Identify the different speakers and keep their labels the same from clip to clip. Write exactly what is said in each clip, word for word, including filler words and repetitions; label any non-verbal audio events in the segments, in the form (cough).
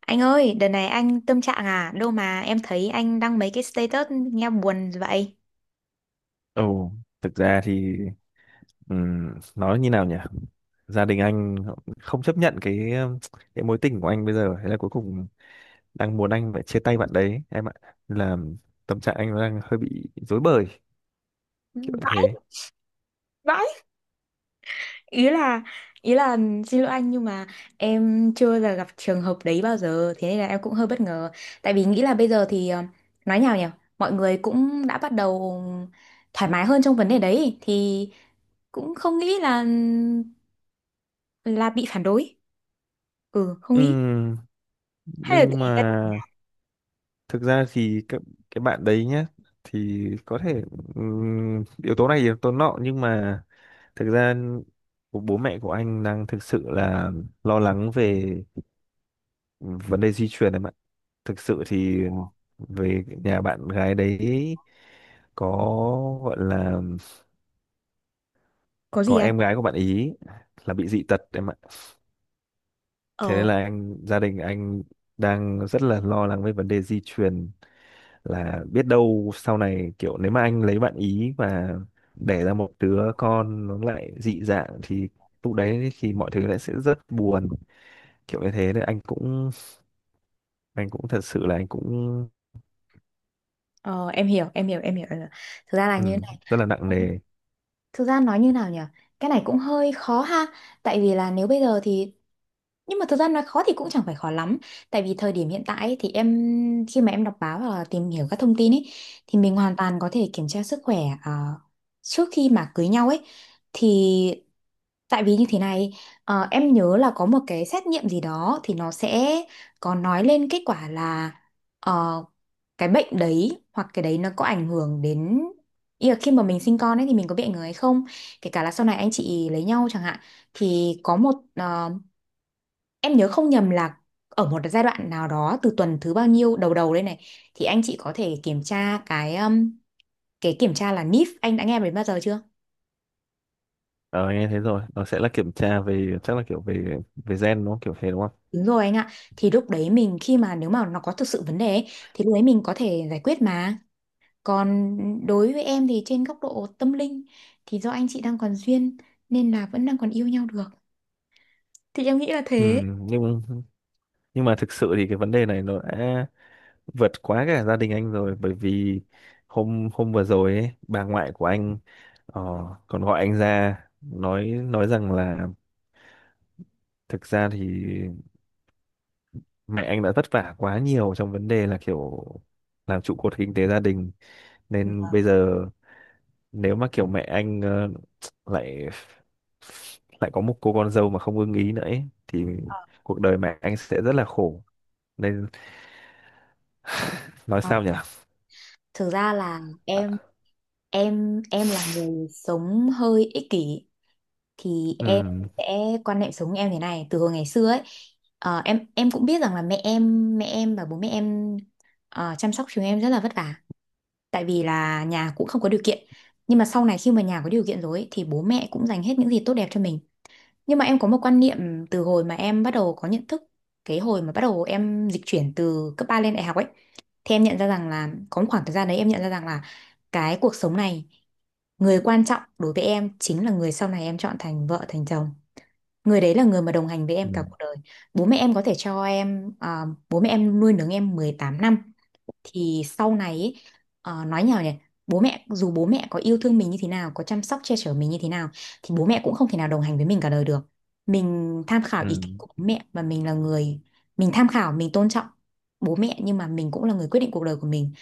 Speaker 1: Anh ơi, đợt này anh tâm trạng à? Đâu mà em thấy anh đăng mấy cái status nghe buồn vậy?
Speaker 2: Ồ, thực ra thì ừm, nói như nào nhỉ? Gia đình anh họ không chấp nhận cái, ừm, cái mối tình của anh bây giờ. Thế là cuối cùng đang muốn anh phải chia tay bạn đấy em ạ. Là tâm trạng anh đang hơi bị rối bời kiểu như
Speaker 1: Vãi.
Speaker 2: thế.
Speaker 1: Vãi. Ý là ý là xin lỗi anh, nhưng mà em chưa là gặp trường hợp đấy bao giờ, thế nên là em cũng hơi bất ngờ. Tại vì nghĩ là bây giờ thì ờ, nói nhào nhỉ, mọi người cũng đã bắt đầu thoải mái hơn trong vấn đề đấy, thì cũng không nghĩ là là bị phản đối. Ừ, không nghĩ.
Speaker 2: Ừm,
Speaker 1: Hay là
Speaker 2: nhưng
Speaker 1: tùy.
Speaker 2: mà thực ra thì cái, cái bạn đấy nhá thì có thể ừm, yếu tố này yếu tố nọ, nhưng mà thực ra của bố mẹ của anh đang thực sự là lo lắng về vấn đề di truyền em ạ. Thực sự thì về nhà bạn gái đấy có gọi là
Speaker 1: Có gì.
Speaker 2: có em gái của bạn ý là bị dị tật em ạ. Thế nên
Speaker 1: Anh.
Speaker 2: là anh gia đình anh đang rất là lo lắng về vấn đề di truyền, là biết đâu sau này kiểu nếu mà anh lấy bạn ý và đẻ ra một đứa con nó lại dị dạng thì lúc đấy thì mọi thứ lại sẽ rất buồn kiểu như thế. Nên anh cũng anh cũng thật sự là anh cũng
Speaker 1: Ờ, em hiểu, em hiểu, em hiểu. em hiểu. Thực ra là
Speaker 2: ừ,
Speaker 1: như thế này.
Speaker 2: rất là nặng nề.
Speaker 1: Thực ra nói như nào nhỉ? Cái này cũng hơi khó ha. Tại vì là nếu bây giờ thì nhưng mà thực ra nói khó thì cũng chẳng phải khó lắm. Tại vì thời điểm hiện tại ấy, thì em khi mà em đọc báo và tìm hiểu các thông tin ấy, thì mình hoàn toàn có thể kiểm tra sức khỏe ờ, trước khi mà cưới nhau ấy. Thì tại vì như thế này, ờ, em nhớ là có một cái xét nghiệm gì đó, thì nó sẽ có nói lên kết quả là ờ, cái bệnh đấy hoặc cái đấy nó có ảnh hưởng đến, ý là khi mà mình sinh con ấy thì mình có bị ảnh hưởng hay không, kể cả là sau này anh chị lấy nhau chẳng hạn, thì có một ờ, em nhớ không nhầm là ở một giai đoạn nào đó từ tuần thứ bao nhiêu đầu đầu đây này, thì anh chị có thể kiểm tra cái um, cái kiểm tra là en i ép, anh đã nghe đến bao giờ chưa?
Speaker 2: Ờ Nghe thế rồi, nó sẽ là kiểm tra về chắc là kiểu về về gen đúng không? Kiểu thế đúng không?
Speaker 1: Đúng rồi anh ạ. Thì lúc đấy mình khi mà nếu mà nó có thực sự vấn đề ấy, thì lúc đấy mình có thể giải quyết mà. Còn đối với em thì trên góc độ tâm linh, thì do anh chị đang còn duyên nên là vẫn đang còn yêu nhau được. Thì em nghĩ là
Speaker 2: Ừ,
Speaker 1: thế.
Speaker 2: nhưng nhưng mà thực sự thì cái vấn đề này nó đã vượt quá cả gia đình anh rồi, bởi vì hôm hôm vừa rồi ấy, bà ngoại của anh ờ, còn gọi anh ra nói nói rằng là thực ra thì mẹ anh đã vất vả quá nhiều trong vấn đề là kiểu làm trụ cột kinh tế gia đình, nên bây giờ nếu mà kiểu mẹ anh ờ, lại lại có một cô con dâu mà không ưng ý nữa ấy, thì cuộc đời mẹ anh sẽ rất là khổ, nên nói
Speaker 1: Ờ,
Speaker 2: sao nhỉ.
Speaker 1: thực ra là em em em là người sống hơi ích kỷ, thì em
Speaker 2: Ừ.
Speaker 1: sẽ quan niệm sống em thế này từ hồi ngày xưa ấy. Ờ, em em cũng biết rằng là mẹ em mẹ em và bố mẹ em ờ, chăm sóc chúng em rất là vất vả, tại vì là nhà cũng không có điều kiện, nhưng mà sau này khi mà nhà có điều kiện rồi ấy, thì bố mẹ cũng dành hết những gì tốt đẹp cho mình. Nhưng mà em có một quan niệm từ hồi mà em bắt đầu có nhận thức, cái hồi mà bắt đầu em dịch chuyển từ cấp ba lên đại học ấy, thì em nhận ra rằng là có một khoảng thời gian đấy em nhận ra rằng là cái cuộc sống này, người quan trọng đối với em chính là người sau này em chọn thành vợ thành chồng. Người đấy là người mà đồng hành với
Speaker 2: Ừ.
Speaker 1: em cả cuộc đời. Bố mẹ em có thể cho em, à, bố mẹ em nuôi nấng em mười tám năm, thì sau này ý, ờ, nói nhỏ nhỉ, bố mẹ dù bố mẹ có yêu thương mình như thế nào, có chăm sóc che chở mình như thế nào, thì bố mẹ cũng không thể nào đồng hành với mình cả đời được. Mình tham khảo ý
Speaker 2: Ừ.
Speaker 1: kiến của bố mẹ và mình là người, mình tham khảo mình tôn trọng bố mẹ, nhưng mà mình cũng là người quyết định cuộc đời của mình.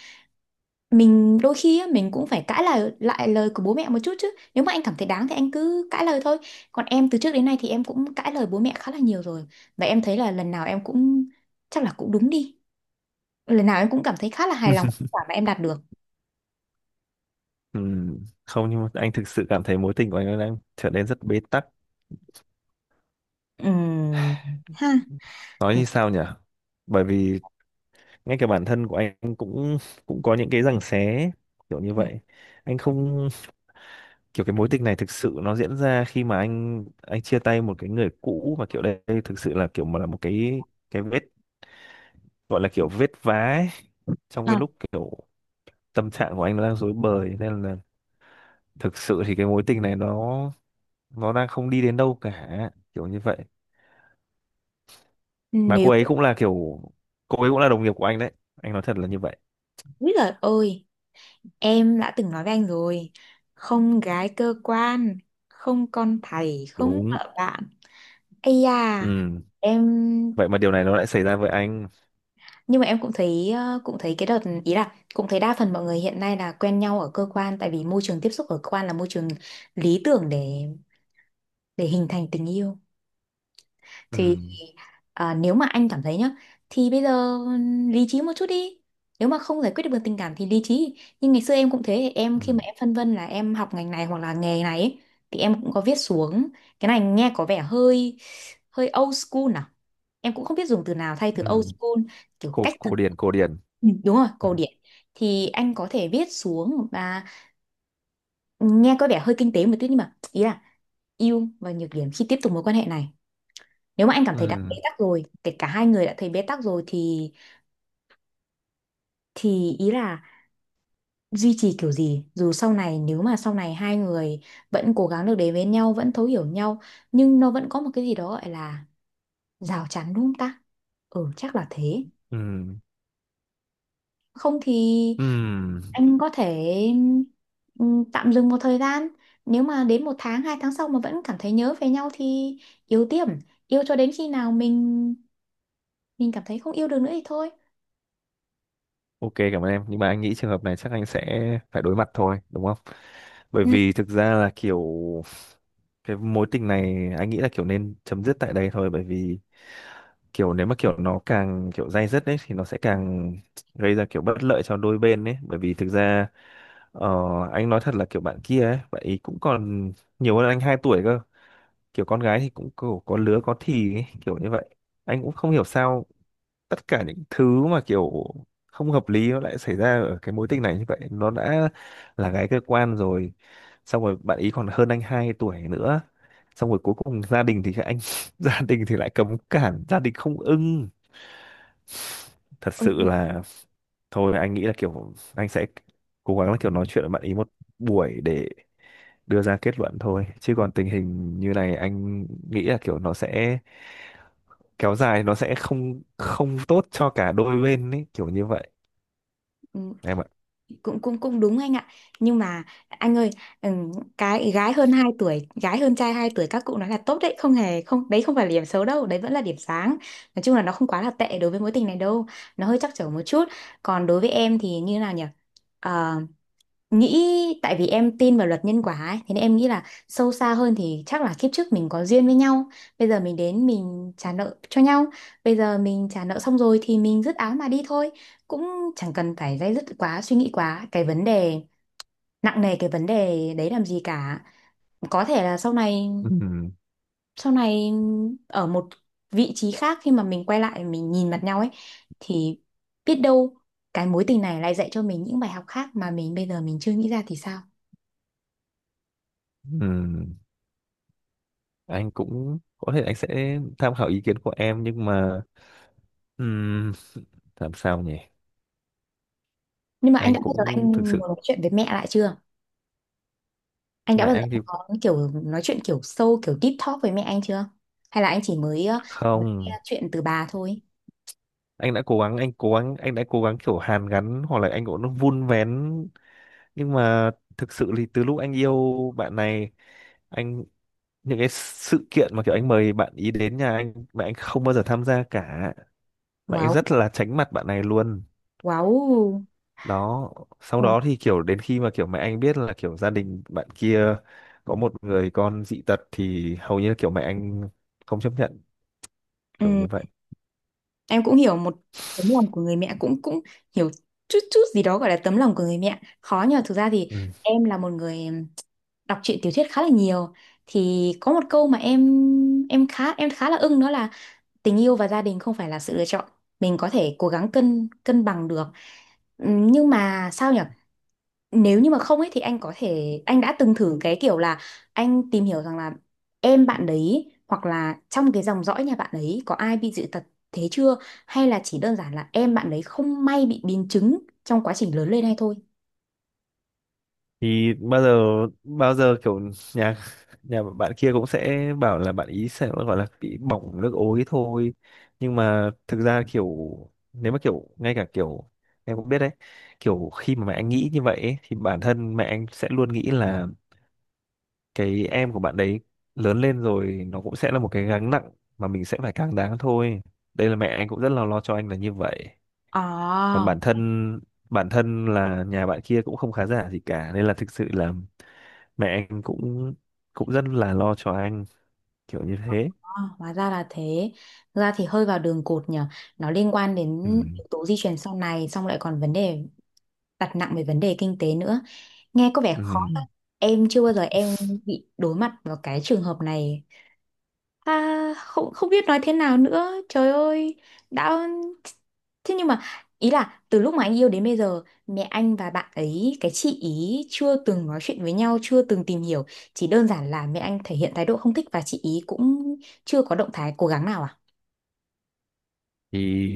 Speaker 1: Mình đôi khi á, mình cũng phải cãi lời lại lời của bố mẹ một chút, chứ nếu mà anh cảm thấy đáng thì anh cứ cãi lời thôi. Còn em từ trước đến nay thì em cũng cãi lời bố mẹ khá là nhiều rồi, và em thấy là lần nào em cũng chắc là cũng đúng đi, lần nào em cũng cảm thấy khá là hài lòng với
Speaker 2: (laughs)
Speaker 1: kết quả mà em đạt được.
Speaker 2: Ừ. Không, nhưng mà anh thực sự cảm thấy mối tình của anh đang trở nên rất bế tắc,
Speaker 1: Ừm, ha.
Speaker 2: nói
Speaker 1: Ừm.
Speaker 2: như sao nhỉ, bởi vì ngay cả bản thân của anh cũng cũng có những cái giằng xé kiểu như vậy. Anh không, kiểu cái mối tình này thực sự nó diễn ra khi mà anh anh chia tay một cái người cũ, mà kiểu đây thực sự là kiểu mà là một cái cái vết, gọi là kiểu vết vá ấy, trong cái
Speaker 1: À,
Speaker 2: lúc kiểu tâm trạng của anh nó đang rối bời, nên là thực sự thì cái mối tình này nó nó đang không đi đến đâu cả kiểu như vậy. Mà
Speaker 1: nếu
Speaker 2: cô ấy cũng là kiểu cô ấy cũng là đồng nghiệp của anh đấy, anh nói thật là như vậy.
Speaker 1: úi giời ơi, em đã từng nói với anh rồi, không gái cơ quan, không con thầy, không
Speaker 2: Đúng.
Speaker 1: vợ bạn. Ây da.
Speaker 2: Ừ.
Speaker 1: Em.
Speaker 2: Vậy mà điều này nó lại xảy ra với anh.
Speaker 1: Nhưng mà em cũng thấy ờ, cũng thấy cái đợt, ý là cũng thấy đa phần mọi người hiện nay là quen nhau ở cơ quan, tại vì môi trường tiếp xúc ở cơ quan là môi trường lý tưởng để để hình thành tình yêu.
Speaker 2: Ừ.
Speaker 1: Thì à, nếu mà anh cảm thấy nhá, thì bây giờ lý trí một chút đi, nếu mà không giải quyết được bằng tình cảm thì lý trí. Nhưng ngày xưa em cũng thế, em khi mà
Speaker 2: Ừ.
Speaker 1: em phân vân là em học ngành này hoặc là nghề này ấy, thì em cũng có viết xuống. Cái này nghe có vẻ hơi hơi old school à, em cũng không biết dùng từ nào thay từ old
Speaker 2: Ừ.
Speaker 1: school, kiểu cách
Speaker 2: cổ
Speaker 1: thức.
Speaker 2: cổ điển cổ điển.
Speaker 1: Ừ, đúng rồi,
Speaker 2: Ừ.
Speaker 1: cổ điển. Thì anh có thể viết xuống và nghe có vẻ hơi kinh tế một tí, nhưng mà ý là ưu và nhược điểm khi tiếp tục mối quan hệ này. Nếu mà anh cảm thấy đã bế
Speaker 2: Ừ.
Speaker 1: tắc rồi, kể cả hai người đã thấy bế tắc rồi, thì thì ý là duy trì kiểu gì, dù sau này nếu mà sau này hai người vẫn cố gắng được đến với nhau, vẫn thấu hiểu nhau, nhưng nó vẫn có một cái gì đó gọi là rào chắn, đúng không ta? Ừ, chắc là thế.
Speaker 2: Ừ.
Speaker 1: Không thì
Speaker 2: Ừ.
Speaker 1: anh có thể ừm, tạm dừng một thời gian, nếu mà đến một tháng hai tháng sau mà vẫn cảm thấy nhớ về nhau thì yêu tiếp, yêu cho đến khi nào mình mình cảm thấy không yêu được nữa thì thôi.
Speaker 2: OK, cảm ơn em, nhưng mà anh nghĩ trường hợp này chắc anh sẽ phải đối mặt thôi đúng không? Bởi
Speaker 1: Ừ.
Speaker 2: vì thực ra là kiểu cái mối tình này anh nghĩ là kiểu nên chấm dứt tại đây thôi, bởi vì kiểu nếu mà kiểu nó càng kiểu day dứt đấy thì nó sẽ càng gây ra kiểu bất lợi cho đôi bên đấy, bởi vì thực ra ờ, anh nói thật là kiểu bạn kia ấy bạn ấy cũng còn nhiều hơn anh hai tuổi cơ. Kiểu con gái thì cũng kiểu có lứa có thì ấy, kiểu như vậy. Anh cũng không hiểu sao tất cả những thứ mà kiểu không hợp lý nó lại xảy ra ở cái mối tình này, như vậy nó đã là gái cơ quan rồi, xong rồi bạn ý còn hơn anh hai tuổi nữa, xong rồi cuối cùng gia đình thì anh (laughs) gia đình thì lại cấm cản, gia đình không ưng, thật
Speaker 1: Ừ.
Speaker 2: sự là. Thôi anh nghĩ là kiểu anh sẽ cố gắng là kiểu nói chuyện với bạn ý một buổi để đưa ra kết luận thôi, chứ còn tình hình như này anh nghĩ là kiểu nó sẽ kéo dài, nó sẽ không không tốt cho cả đôi bên ấy kiểu như vậy
Speaker 1: Ừ.
Speaker 2: em ạ.
Speaker 1: Cũng cũng cũng đúng anh ạ, nhưng mà anh ơi, ừm, cái gái hơn hai tuổi, gái hơn trai hai tuổi các cụ nói là tốt đấy, không hề không đấy, không phải là điểm xấu đâu đấy, vẫn là điểm sáng. Nói chung là nó không quá là tệ đối với mối tình này đâu, nó hơi trắc trở một chút. Còn đối với em thì như nào nhỉ. Ờ, nghĩ, tại vì em tin vào luật nhân quả ấy, thế nên em nghĩ là sâu xa hơn thì chắc là kiếp trước mình có duyên với nhau, bây giờ mình đến mình trả nợ cho nhau, bây giờ mình trả nợ xong rồi thì mình dứt áo mà đi thôi, cũng chẳng cần phải day dứt quá, suy nghĩ quá cái vấn đề nặng nề cái vấn đề đấy làm gì cả. Có thể là sau này
Speaker 2: Ừm,
Speaker 1: sau này ở một vị trí khác, khi mà mình quay lại mình nhìn mặt nhau ấy, thì biết đâu cái mối tình này lại dạy cho mình những bài học khác mà mình bây giờ mình chưa nghĩ ra thì sao.
Speaker 2: ừm, anh cũng có thể anh sẽ tham khảo ý kiến của em, nhưng mà ừm, làm sao nhỉ.
Speaker 1: Nhưng mà anh
Speaker 2: Anh
Speaker 1: đã bao giờ anh
Speaker 2: cũng thực
Speaker 1: muốn
Speaker 2: sự
Speaker 1: nói chuyện với mẹ lại chưa? Anh đã
Speaker 2: mẹ
Speaker 1: bao giờ
Speaker 2: anh thì
Speaker 1: anh có kiểu nói chuyện kiểu sâu, kiểu deep talk với mẹ anh chưa? Hay là anh chỉ mới, ờ, mới nghe
Speaker 2: không,
Speaker 1: chuyện từ bà thôi?
Speaker 2: anh đã cố gắng anh cố gắng anh đã cố gắng kiểu hàn gắn hoặc là anh cũng vun vén, nhưng mà thực sự thì từ lúc anh yêu bạn này, anh những cái sự kiện mà kiểu anh mời bạn ý đến nhà anh mà anh không bao giờ tham gia cả. Mẹ anh
Speaker 1: Wow,
Speaker 2: rất là tránh mặt bạn này luôn
Speaker 1: wow.
Speaker 2: đó, sau
Speaker 1: Wow.
Speaker 2: đó thì kiểu đến khi mà kiểu mẹ anh biết là kiểu gia đình bạn kia có một người con dị tật thì hầu như kiểu mẹ anh không chấp nhận kiểu như
Speaker 1: Ừ.
Speaker 2: vậy.
Speaker 1: Em cũng hiểu một tấm lòng của người mẹ, cũng cũng hiểu chút chút gì đó gọi là tấm lòng của người mẹ. Khó nhờ, thực ra thì
Speaker 2: Ừ.
Speaker 1: em là một người đọc truyện tiểu thuyết khá là nhiều, thì có một câu mà em em khá em khá là ưng, đó là tình yêu và gia đình không phải là sự lựa chọn, mình có thể cố gắng cân cân bằng được. Ừm, nhưng mà sao nhỉ, nếu như mà không ấy thì anh có thể anh đã từng thử cái kiểu là anh tìm hiểu rằng là em bạn đấy hoặc là trong cái dòng dõi nhà bạn ấy có ai bị dị tật thế chưa, hay là chỉ đơn giản là em bạn đấy không may bị biến chứng trong quá trình lớn lên hay thôi.
Speaker 2: Thì bao giờ bao giờ kiểu nhà nhà bạn kia cũng sẽ bảo là bạn ý sẽ gọi là bị bỏng nước ối thôi, nhưng mà thực ra kiểu nếu mà kiểu ngay cả kiểu em cũng biết đấy, kiểu khi mà mẹ anh nghĩ như vậy ấy, thì bản thân mẹ anh sẽ luôn nghĩ là cái em của bạn đấy lớn lên rồi nó cũng sẽ là một cái gánh nặng mà mình sẽ phải càng đáng thôi. Đây là mẹ anh cũng rất là lo cho anh là như vậy. Còn
Speaker 1: À,
Speaker 2: bản thân bản thân là nhà bạn kia cũng không khá giả gì cả, nên là thực sự là mẹ anh cũng cũng rất là lo cho anh kiểu như thế.
Speaker 1: à, hóa ra là thế. Thực ra thì hơi vào đường cụt nhỉ. Nó liên quan đến
Speaker 2: Ừ.
Speaker 1: yếu tố di truyền sau này, xong lại còn vấn đề đặt nặng về vấn đề kinh tế nữa, nghe có vẻ
Speaker 2: Ừ.
Speaker 1: khó thật. Em chưa bao giờ em bị đối mặt vào cái trường hợp này. À, không không biết nói thế nào nữa trời ơi. Đã thế, nhưng mà ý là từ lúc mà anh yêu đến bây giờ, mẹ anh và bạn ấy cái chị ý chưa từng nói chuyện với nhau, chưa từng tìm hiểu, chỉ đơn giản là mẹ anh thể hiện thái độ không thích và chị ý cũng chưa có động thái cố gắng nào à?
Speaker 2: Thì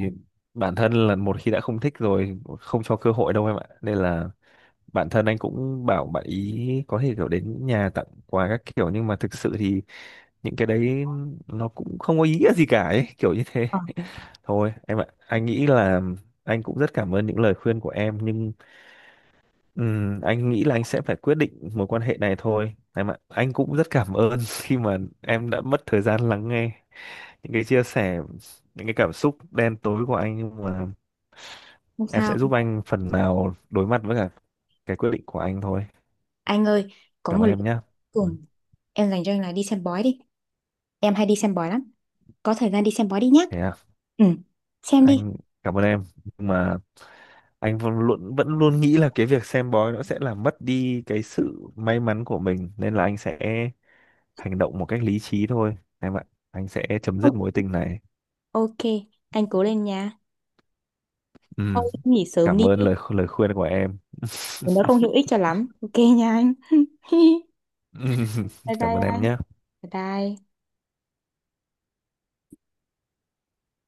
Speaker 2: bản thân là một khi đã không thích rồi, không cho cơ hội đâu em ạ, nên là bản thân anh cũng bảo bạn ý có thể kiểu đến nhà tặng quà các kiểu, nhưng mà thực sự thì những cái đấy nó cũng không có ý nghĩa gì cả ấy, kiểu như thế.
Speaker 1: Ờ,
Speaker 2: Thôi em ạ, anh nghĩ là anh cũng rất cảm ơn những lời khuyên của em, nhưng ừm, anh nghĩ là anh sẽ phải quyết định mối quan hệ này thôi em ạ. Anh cũng rất cảm ơn (laughs) khi mà em đã mất thời gian lắng nghe những cái chia sẻ, những cái cảm xúc đen tối của anh, nhưng mà
Speaker 1: không
Speaker 2: em
Speaker 1: sao.
Speaker 2: sẽ giúp anh phần nào đối mặt với cả cái quyết định của anh thôi.
Speaker 1: Anh ơi, có
Speaker 2: Cảm
Speaker 1: một
Speaker 2: ơn
Speaker 1: lần
Speaker 2: em
Speaker 1: cuối
Speaker 2: nhé. Ừ,
Speaker 1: cùng em dành cho anh là đi xem bói đi, em hay đi xem bói lắm. Có thời gian đi xem bói đi nhá.
Speaker 2: thế à.
Speaker 1: Ừ. Xem đi.
Speaker 2: Anh cảm ơn em nhưng mà anh vẫn luôn vẫn luôn nghĩ là cái việc xem bói nó sẽ làm mất đi cái sự may mắn của mình, nên là anh sẽ hành động một cách lý trí thôi em ạ. Anh sẽ chấm dứt
Speaker 1: Ok,
Speaker 2: mối tình này.
Speaker 1: ok, anh cố lên nha.
Speaker 2: Ừm,
Speaker 1: Thôi nghỉ sớm
Speaker 2: Cảm
Speaker 1: đi,
Speaker 2: ơn lời lời khuyên của em.
Speaker 1: nó không hữu
Speaker 2: (laughs)
Speaker 1: ích cho lắm. Ok nha anh. (laughs)
Speaker 2: Ừm,
Speaker 1: Bye
Speaker 2: Cảm ơn
Speaker 1: bye
Speaker 2: em
Speaker 1: anh.
Speaker 2: nhé.
Speaker 1: Bye bye.